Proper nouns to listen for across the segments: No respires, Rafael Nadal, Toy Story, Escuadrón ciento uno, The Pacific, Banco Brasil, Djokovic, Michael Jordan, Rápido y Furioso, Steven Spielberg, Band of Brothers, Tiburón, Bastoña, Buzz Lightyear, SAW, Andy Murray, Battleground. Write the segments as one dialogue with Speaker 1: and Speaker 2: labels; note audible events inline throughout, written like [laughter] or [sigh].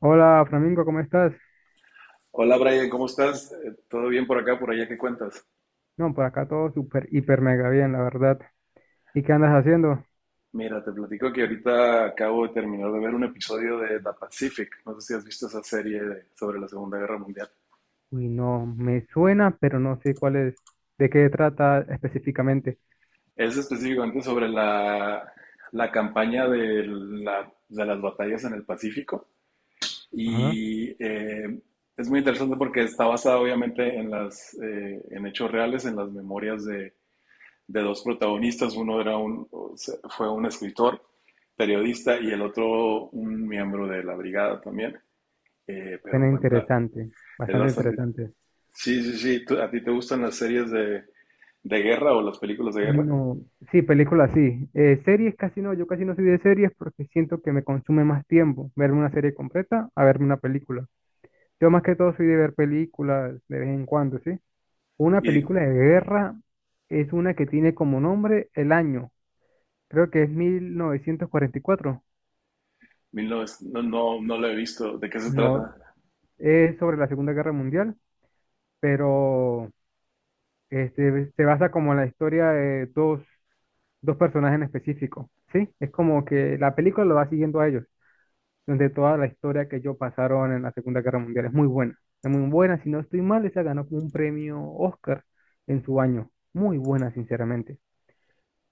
Speaker 1: Hola, Flamingo, ¿cómo estás?
Speaker 2: Hola Brian, ¿cómo estás? ¿Todo bien por acá, por allá? ¿Qué cuentas?
Speaker 1: No, por acá todo súper, hiper, mega bien, la verdad. ¿Y qué andas haciendo?
Speaker 2: Mira, te platico que ahorita acabo de terminar de ver un episodio de The Pacific. No sé si has visto esa serie sobre la Segunda Guerra Mundial.
Speaker 1: Uy, no, me suena, pero no sé cuál es, de qué trata específicamente.
Speaker 2: Es específicamente sobre la campaña de las batallas en el Pacífico.
Speaker 1: Ajá,
Speaker 2: Y es muy interesante porque está basada obviamente en hechos reales, en las memorias de dos protagonistas, fue un escritor, periodista, y el otro un miembro de la brigada también, pero
Speaker 1: suena
Speaker 2: cuenta,
Speaker 1: interesante,
Speaker 2: es
Speaker 1: bastante
Speaker 2: bastante.
Speaker 1: interesante.
Speaker 2: Sí, sí, sí, ¿a ti te gustan las series de guerra o las películas de guerra?
Speaker 1: No, sí, películas sí. Series casi no, yo casi no soy de series porque siento que me consume más tiempo verme una serie completa a verme una película. Yo más que todo soy de ver películas de vez en cuando, ¿sí? Una
Speaker 2: Y
Speaker 1: película de guerra es una que tiene como nombre el año. Creo que es 1944.
Speaker 2: 1900 no, no, no la he visto, ¿de qué se
Speaker 1: No,
Speaker 2: trata?
Speaker 1: es sobre la Segunda Guerra Mundial, pero este, se basa como en la historia de dos personajes en específico, ¿sí? Es como que la película lo va siguiendo a ellos, donde toda la historia que ellos pasaron en la Segunda Guerra Mundial es muy buena. Es muy buena, si no estoy mal, esa ganó como un premio Oscar en su año. Muy buena, sinceramente.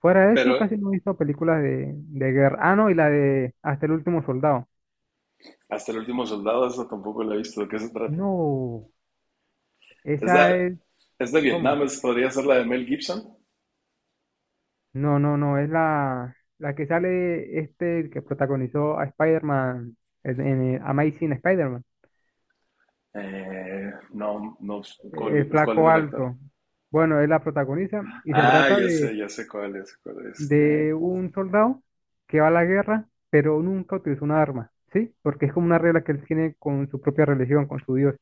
Speaker 1: Fuera de eso,
Speaker 2: Pero
Speaker 1: casi no he visto películas de guerra. Ah, no, y la de Hasta el último soldado.
Speaker 2: hasta el último soldado, esa tampoco la he visto, ¿de qué se trata?
Speaker 1: No,
Speaker 2: Es de,
Speaker 1: esa es...
Speaker 2: es de Vietnam,
Speaker 1: ¿Cómo?
Speaker 2: podría ser la de Mel Gibson.
Speaker 1: No, no, no, es la que sale este que protagonizó a Spider-Man en Amazing Spider-Man,
Speaker 2: No, no, ¿cuál,
Speaker 1: el
Speaker 2: cuál es
Speaker 1: flaco
Speaker 2: el actor?
Speaker 1: alto. Bueno, él la protagoniza y se
Speaker 2: Ah,
Speaker 1: trata de,
Speaker 2: ya sé cuál, ya sé cuál.
Speaker 1: de un soldado que va a la guerra, pero nunca utilizó una arma, ¿sí? Porque es como una regla que él tiene con su propia religión, con su Dios.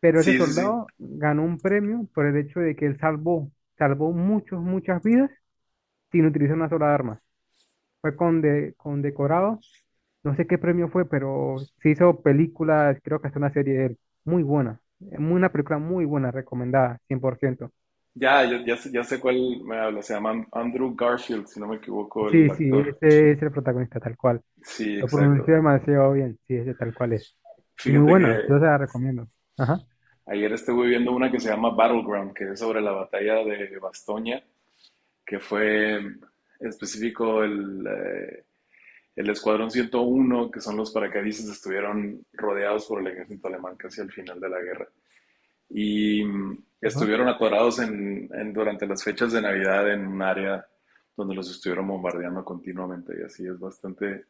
Speaker 1: Pero ese
Speaker 2: Sí, sí, sí.
Speaker 1: soldado ganó un premio por el hecho de que él salvó muchos, muchas vidas sin utilizar una sola arma. Fue condecorado. No sé qué premio fue, pero se hizo películas, creo que hasta una serie de él. Muy buena. Una película muy buena, recomendada, 100%.
Speaker 2: Ya, ya, ya sé cuál me habla. Se llama Andrew Garfield, si no me equivoco,
Speaker 1: Sí,
Speaker 2: el
Speaker 1: sí,
Speaker 2: actor.
Speaker 1: ese es el protagonista, tal cual.
Speaker 2: Sí,
Speaker 1: Lo pronunció
Speaker 2: exacto.
Speaker 1: demasiado bien, sí, ese tal cual es. Y muy
Speaker 2: Fíjate
Speaker 1: buena, yo
Speaker 2: que
Speaker 1: se la recomiendo. Ajá,
Speaker 2: ayer estuve viendo una que se llama Battleground, que es sobre la batalla de Bastoña, que fue en específico el Escuadrón 101, que son los paracaidistas, estuvieron rodeados por el ejército alemán casi al final de la guerra. Y
Speaker 1: ajá.
Speaker 2: estuvieron atorados en- durante las fechas de Navidad en un área donde los estuvieron bombardeando continuamente y así es bastante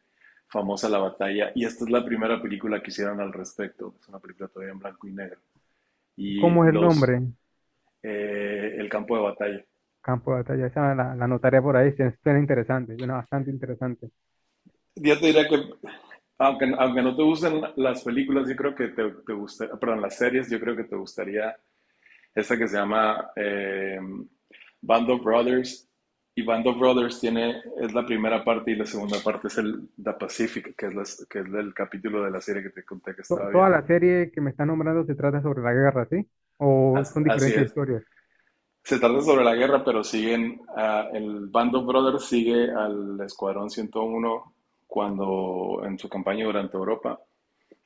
Speaker 2: famosa la batalla, y esta es la primera película que hicieron al respecto. Es una película todavía en blanco y negro
Speaker 1: ¿Cómo
Speaker 2: y
Speaker 1: es el
Speaker 2: los
Speaker 1: nombre?
Speaker 2: el campo de batalla.
Speaker 1: Campo de batalla, esa la anotaré por ahí, suena interesante, suena bastante interesante.
Speaker 2: Yo te diría que aunque no te gusten las películas, yo creo que perdón, las series, yo creo que te gustaría esta que se llama Band of Brothers. Y Band of Brothers tiene, es la primera parte y la segunda parte es el The Pacific, que es el capítulo de la serie que te conté que estaba
Speaker 1: Toda
Speaker 2: viendo.
Speaker 1: la serie que me está nombrando se trata sobre la guerra, ¿sí? ¿O
Speaker 2: As-
Speaker 1: son
Speaker 2: Así,
Speaker 1: diferentes
Speaker 2: es.
Speaker 1: historias?
Speaker 2: Se trata sobre la guerra, pero siguen, el Band of Brothers sigue al Escuadrón 101 cuando en su campaña durante Europa,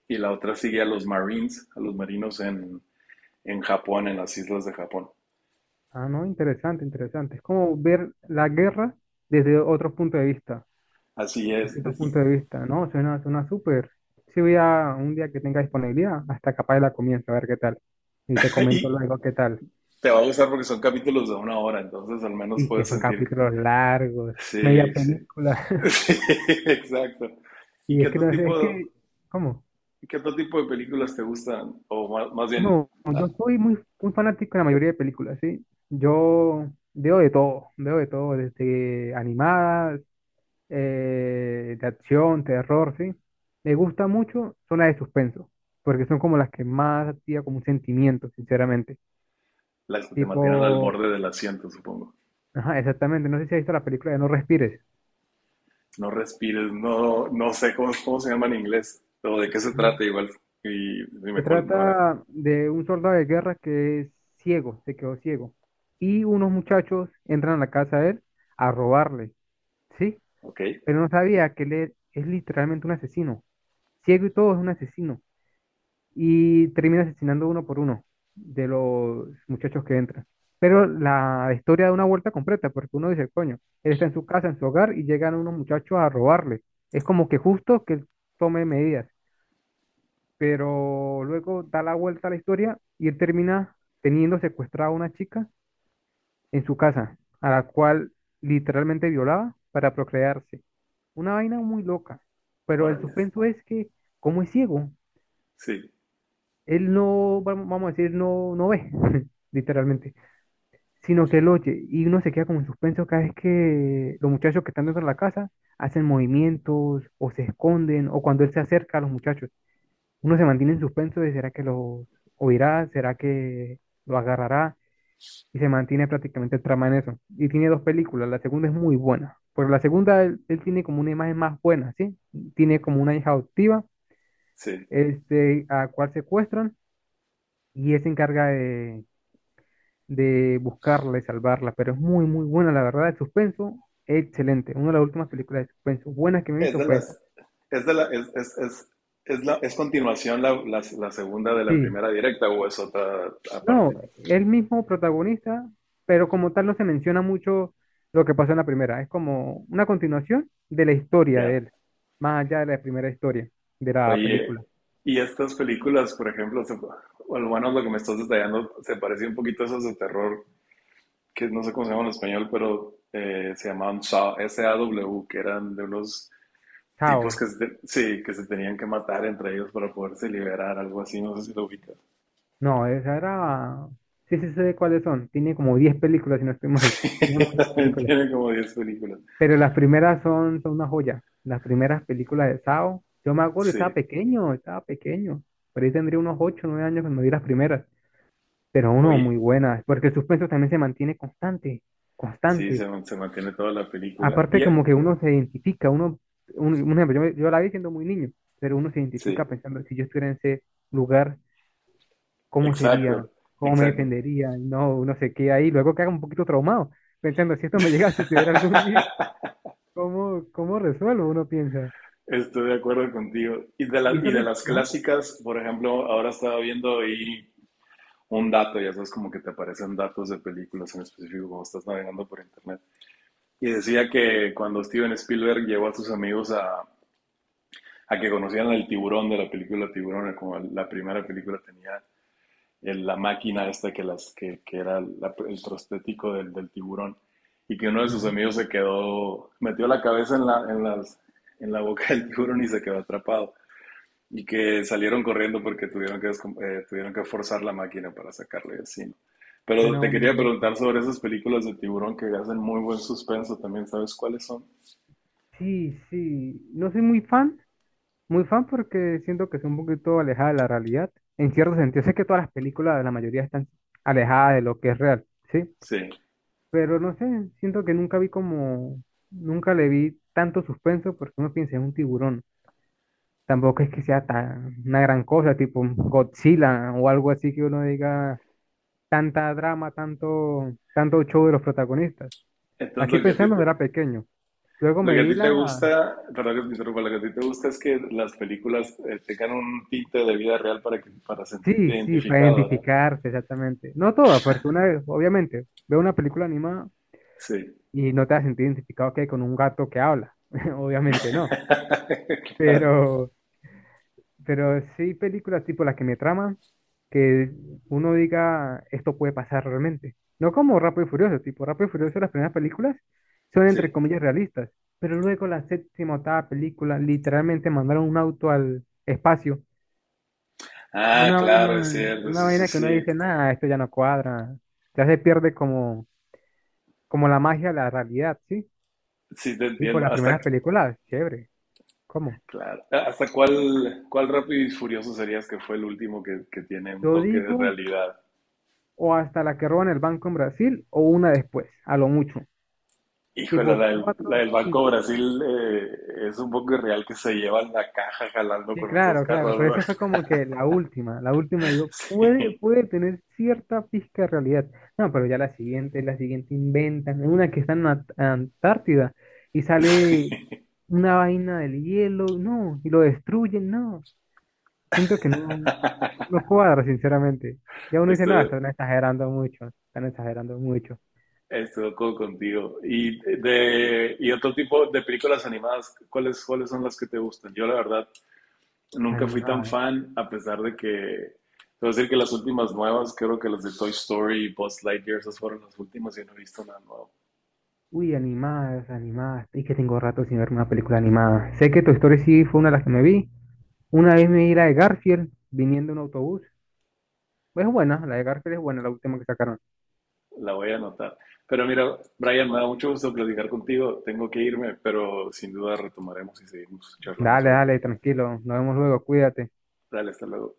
Speaker 2: y la otra sigue a los Marines, a los marinos en Japón, en las islas de Japón.
Speaker 1: Ah, no, interesante, interesante. Es como ver la guerra desde otro punto de vista,
Speaker 2: Así es.
Speaker 1: distintos puntos de vista, ¿no? Suena, suena súper. Si voy a un día que tenga disponibilidad, hasta capaz la comienzo, a ver qué tal. Y te
Speaker 2: Y,
Speaker 1: comento
Speaker 2: y
Speaker 1: luego qué tal.
Speaker 2: te va a gustar porque son capítulos de una hora, entonces al menos
Speaker 1: Y que
Speaker 2: puedes
Speaker 1: son
Speaker 2: sentir que.
Speaker 1: capítulos largos, media
Speaker 2: Sí, sí. [laughs]
Speaker 1: película. [laughs]
Speaker 2: Sí, exacto. ¿Y
Speaker 1: Y
Speaker 2: qué
Speaker 1: es que
Speaker 2: otro
Speaker 1: no sé, es
Speaker 2: tipo,
Speaker 1: que, ¿cómo?
Speaker 2: qué otro tipo de películas te gustan? O más, más bien,
Speaker 1: No,
Speaker 2: ah,
Speaker 1: yo soy muy, muy fanático de la mayoría de películas, ¿sí? Yo veo de todo, desde animadas de acción, terror, ¿sí? Me gusta mucho son las de suspenso, porque son como las que más activan como un sentimiento, sinceramente.
Speaker 2: las que te mantienen al
Speaker 1: Tipo,
Speaker 2: borde del asiento, supongo.
Speaker 1: ajá, exactamente, no sé si has visto la película de No Respires.
Speaker 2: No respires, no, no sé cómo se llama en inglés, o de qué se trata
Speaker 1: Ah.
Speaker 2: igual. Y
Speaker 1: Se
Speaker 2: dime cuál, no me la.
Speaker 1: trata de un soldado de guerra que es ciego, se quedó ciego. Y unos muchachos entran a la casa de él a robarle, ¿sí?
Speaker 2: Ok,
Speaker 1: Pero no sabía que él es literalmente un asesino. Ciego y todo es un asesino. Y termina asesinando uno por uno de los muchachos que entran. Pero la historia da una vuelta completa, porque uno dice, coño, él está en su casa, en su hogar, y llegan unos muchachos a robarle. Es como que justo que él tome medidas, pero luego da la vuelta a la historia y él termina teniendo secuestrada a una chica en su casa, a la cual literalmente violaba para procrearse. Una vaina muy loca, pero el
Speaker 2: órale.
Speaker 1: suspenso es que, ¿cómo es ciego,
Speaker 2: Sí,
Speaker 1: él no, vamos a decir, no, no ve, [laughs] literalmente, sino que él oye y uno se queda como en suspenso cada vez que los muchachos que están dentro de la casa hacen movimientos o se esconden o cuando él se acerca a los muchachos, uno se mantiene en suspenso de será que los oirá, será que lo agarrará y se mantiene prácticamente el trama en eso. Y tiene dos películas, la segunda es muy buena, pero la segunda él tiene como una imagen más buena, ¿sí? Tiene como una hija adoptiva,
Speaker 2: sí.
Speaker 1: este, a cual secuestran y él se encarga de buscarla y salvarla, pero es muy, muy buena, la verdad. El suspenso, excelente. Una de las últimas películas de suspenso buenas que me he
Speaker 2: Es
Speaker 1: visto
Speaker 2: de
Speaker 1: fue esa.
Speaker 2: las, es de la, es, es, es, es continuación la segunda de la
Speaker 1: Sí,
Speaker 2: primera directa, o es otra
Speaker 1: no,
Speaker 2: aparte.
Speaker 1: el mismo protagonista, pero como tal no se menciona mucho lo que pasó en la primera. Es como una continuación de la historia de
Speaker 2: Ya.
Speaker 1: él, más allá de la primera historia de la
Speaker 2: Oye,
Speaker 1: película.
Speaker 2: y estas películas, por ejemplo, o al menos lo que me estás detallando, se parecía un poquito a esas de terror, que no sé cómo se llaman en español, pero se llamaban SAW, S A W, que eran de unos tipos
Speaker 1: Chao.
Speaker 2: que sí, que se tenían que matar entre ellos para poderse liberar, algo así, no sé si lo ubicas.
Speaker 1: No, esa era... Sí, sí sé cuáles son. Tiene como 10 películas, si no estoy mal. [laughs] Tiene
Speaker 2: [laughs]
Speaker 1: muchas
Speaker 2: También
Speaker 1: películas.
Speaker 2: tiene como 10 películas.
Speaker 1: Pero las primeras son una joya. Las primeras películas de Sao. Yo me acuerdo, estaba
Speaker 2: Sí.
Speaker 1: pequeño, estaba pequeño. Por ahí tendría unos 8 9 años cuando vi las primeras. Pero uno,
Speaker 2: Oye,
Speaker 1: muy buenas. Porque el suspenso también se mantiene constante,
Speaker 2: sí, se,
Speaker 1: constante.
Speaker 2: man- se mantiene toda la película.
Speaker 1: Aparte
Speaker 2: Y,
Speaker 1: como que uno se identifica, uno, un ejemplo, yo, yo la vi siendo muy niño, pero uno se
Speaker 2: sí,
Speaker 1: identifica pensando, si yo estuviera en ese lugar, ¿cómo sería?
Speaker 2: exacto,
Speaker 1: ¿Cómo me
Speaker 2: exacto.
Speaker 1: defendería? Y no, uno se queda ahí. Luego queda un poquito traumado, pensando, si esto me llega a suceder algún día, ¿cómo resuelvo? Uno piensa.
Speaker 2: Estoy de acuerdo contigo. Y de
Speaker 1: Y
Speaker 2: la- y
Speaker 1: eso
Speaker 2: de
Speaker 1: le...
Speaker 2: las
Speaker 1: Ajá,
Speaker 2: clásicas, por ejemplo, ahora estaba viendo ahí un dato, ya sabes, como que te aparecen datos de películas en específico cuando estás navegando por internet. Y decía que cuando Steven Spielberg llevó a sus amigos a que conocieran el tiburón de la película Tiburón, como la primera película tenía la máquina esta que era el prostético del tiburón, y que uno de sus
Speaker 1: ajá,
Speaker 2: amigos se quedó, metió la cabeza en la boca del tiburón y se quedó atrapado. Y que salieron corriendo porque tuvieron que forzar la máquina para sacarlo y así, ¿no? Pero
Speaker 1: suena
Speaker 2: te
Speaker 1: muy
Speaker 2: quería
Speaker 1: loco.
Speaker 2: preguntar sobre esas películas de tiburón, que hacen muy buen suspenso también, ¿sabes cuáles son?
Speaker 1: Sí, sí, no soy muy fan porque siento que es un poquito alejada de la realidad. En cierto sentido, sé que todas las películas, la mayoría están alejadas de lo que es real, ¿sí?
Speaker 2: Sí,
Speaker 1: Pero no sé, siento que nunca vi como, nunca le vi tanto suspenso porque uno piensa en un tiburón. Tampoco es que sea tan una gran cosa, tipo un Godzilla o algo así que uno diga tanta drama, tanto, tanto show de los protagonistas.
Speaker 2: entonces
Speaker 1: Así
Speaker 2: lo que a ti
Speaker 1: pensando
Speaker 2: te,
Speaker 1: era pequeño. Luego
Speaker 2: lo
Speaker 1: me
Speaker 2: que a
Speaker 1: vi
Speaker 2: ti te
Speaker 1: la...
Speaker 2: gusta, perdón que te interrumpa, lo que a ti te gusta es que las películas tengan un tinte de vida real para que, para sentirte
Speaker 1: Sí, sí, para
Speaker 2: identificado, ¿verdad?
Speaker 1: identificarse, exactamente. No todas, porque una vez, obviamente, veo una película animada
Speaker 2: Sí.
Speaker 1: y no te has sentido identificado que con un gato que habla. [laughs] Obviamente no.
Speaker 2: [laughs] Claro,
Speaker 1: Pero, pero sí películas tipo las que me traman, que, uno diga, esto puede pasar realmente. No como Rápido y Furioso, tipo Rápido y Furioso, las primeras películas son entre
Speaker 2: sí.
Speaker 1: comillas realistas, pero luego la séptima, octava película literalmente mandaron un auto al espacio.
Speaker 2: Ah,
Speaker 1: Una vaina,
Speaker 2: claro, es cierto,
Speaker 1: una
Speaker 2: sí, sí,
Speaker 1: vaina que uno
Speaker 2: sí.
Speaker 1: dice, nada, esto ya no cuadra. Ya se pierde como, como la magia de la realidad, ¿sí?
Speaker 2: Sí, te
Speaker 1: Y por
Speaker 2: entiendo.
Speaker 1: las primeras películas, chévere. ¿Cómo?
Speaker 2: Claro, ¿hasta cuál Rápido y Furioso serías que fue el último que tiene un
Speaker 1: Yo
Speaker 2: toque de
Speaker 1: digo,
Speaker 2: realidad?
Speaker 1: o hasta la que roban el banco en Brasil, o una después, a lo mucho.
Speaker 2: Híjole,
Speaker 1: Tipo
Speaker 2: la del, la
Speaker 1: cuatro o
Speaker 2: del Banco
Speaker 1: cinco.
Speaker 2: Brasil es un poco irreal que se llevan la caja jalando
Speaker 1: Sí,
Speaker 2: con los dos
Speaker 1: claro, claro,
Speaker 2: carros,
Speaker 1: pero
Speaker 2: ¿no?
Speaker 1: esa fue como que la última,
Speaker 2: [laughs]
Speaker 1: digo, puede,
Speaker 2: Sí,
Speaker 1: puede tener cierta pizca de realidad. No, pero ya la siguiente inventan, una que está en la Antártida y sale una vaina del hielo, no, y lo destruyen, no. Siento que no, no cuadra, sinceramente. Ya uno dice, no,
Speaker 2: estoy,
Speaker 1: están exagerando mucho, están exagerando mucho.
Speaker 2: Estoy de acuerdo contigo. Y otro tipo de películas animadas, ¿cuáles son las que te gustan? Yo la verdad nunca fui tan
Speaker 1: Animadas,
Speaker 2: fan, a pesar de que, te voy a decir que las últimas nuevas, creo que las de Toy Story y Buzz Lightyear, esas fueron las últimas y no he visto nada nuevo.
Speaker 1: uy, animadas, animadas, y que tengo rato sin ver una película animada. Sé que Toy Story sí fue una de las que me vi. Una vez me di la de Garfield viniendo en un autobús. Es buena, la de Garfield es buena, la última que sacaron.
Speaker 2: La voy a anotar. Pero mira, Brian, me da mucho gusto platicar contigo. Tengo que irme, pero sin duda retomaremos y seguimos charlando
Speaker 1: Dale,
Speaker 2: sobre
Speaker 1: dale,
Speaker 2: películas.
Speaker 1: tranquilo. Nos vemos luego, cuídate.
Speaker 2: Dale, hasta luego.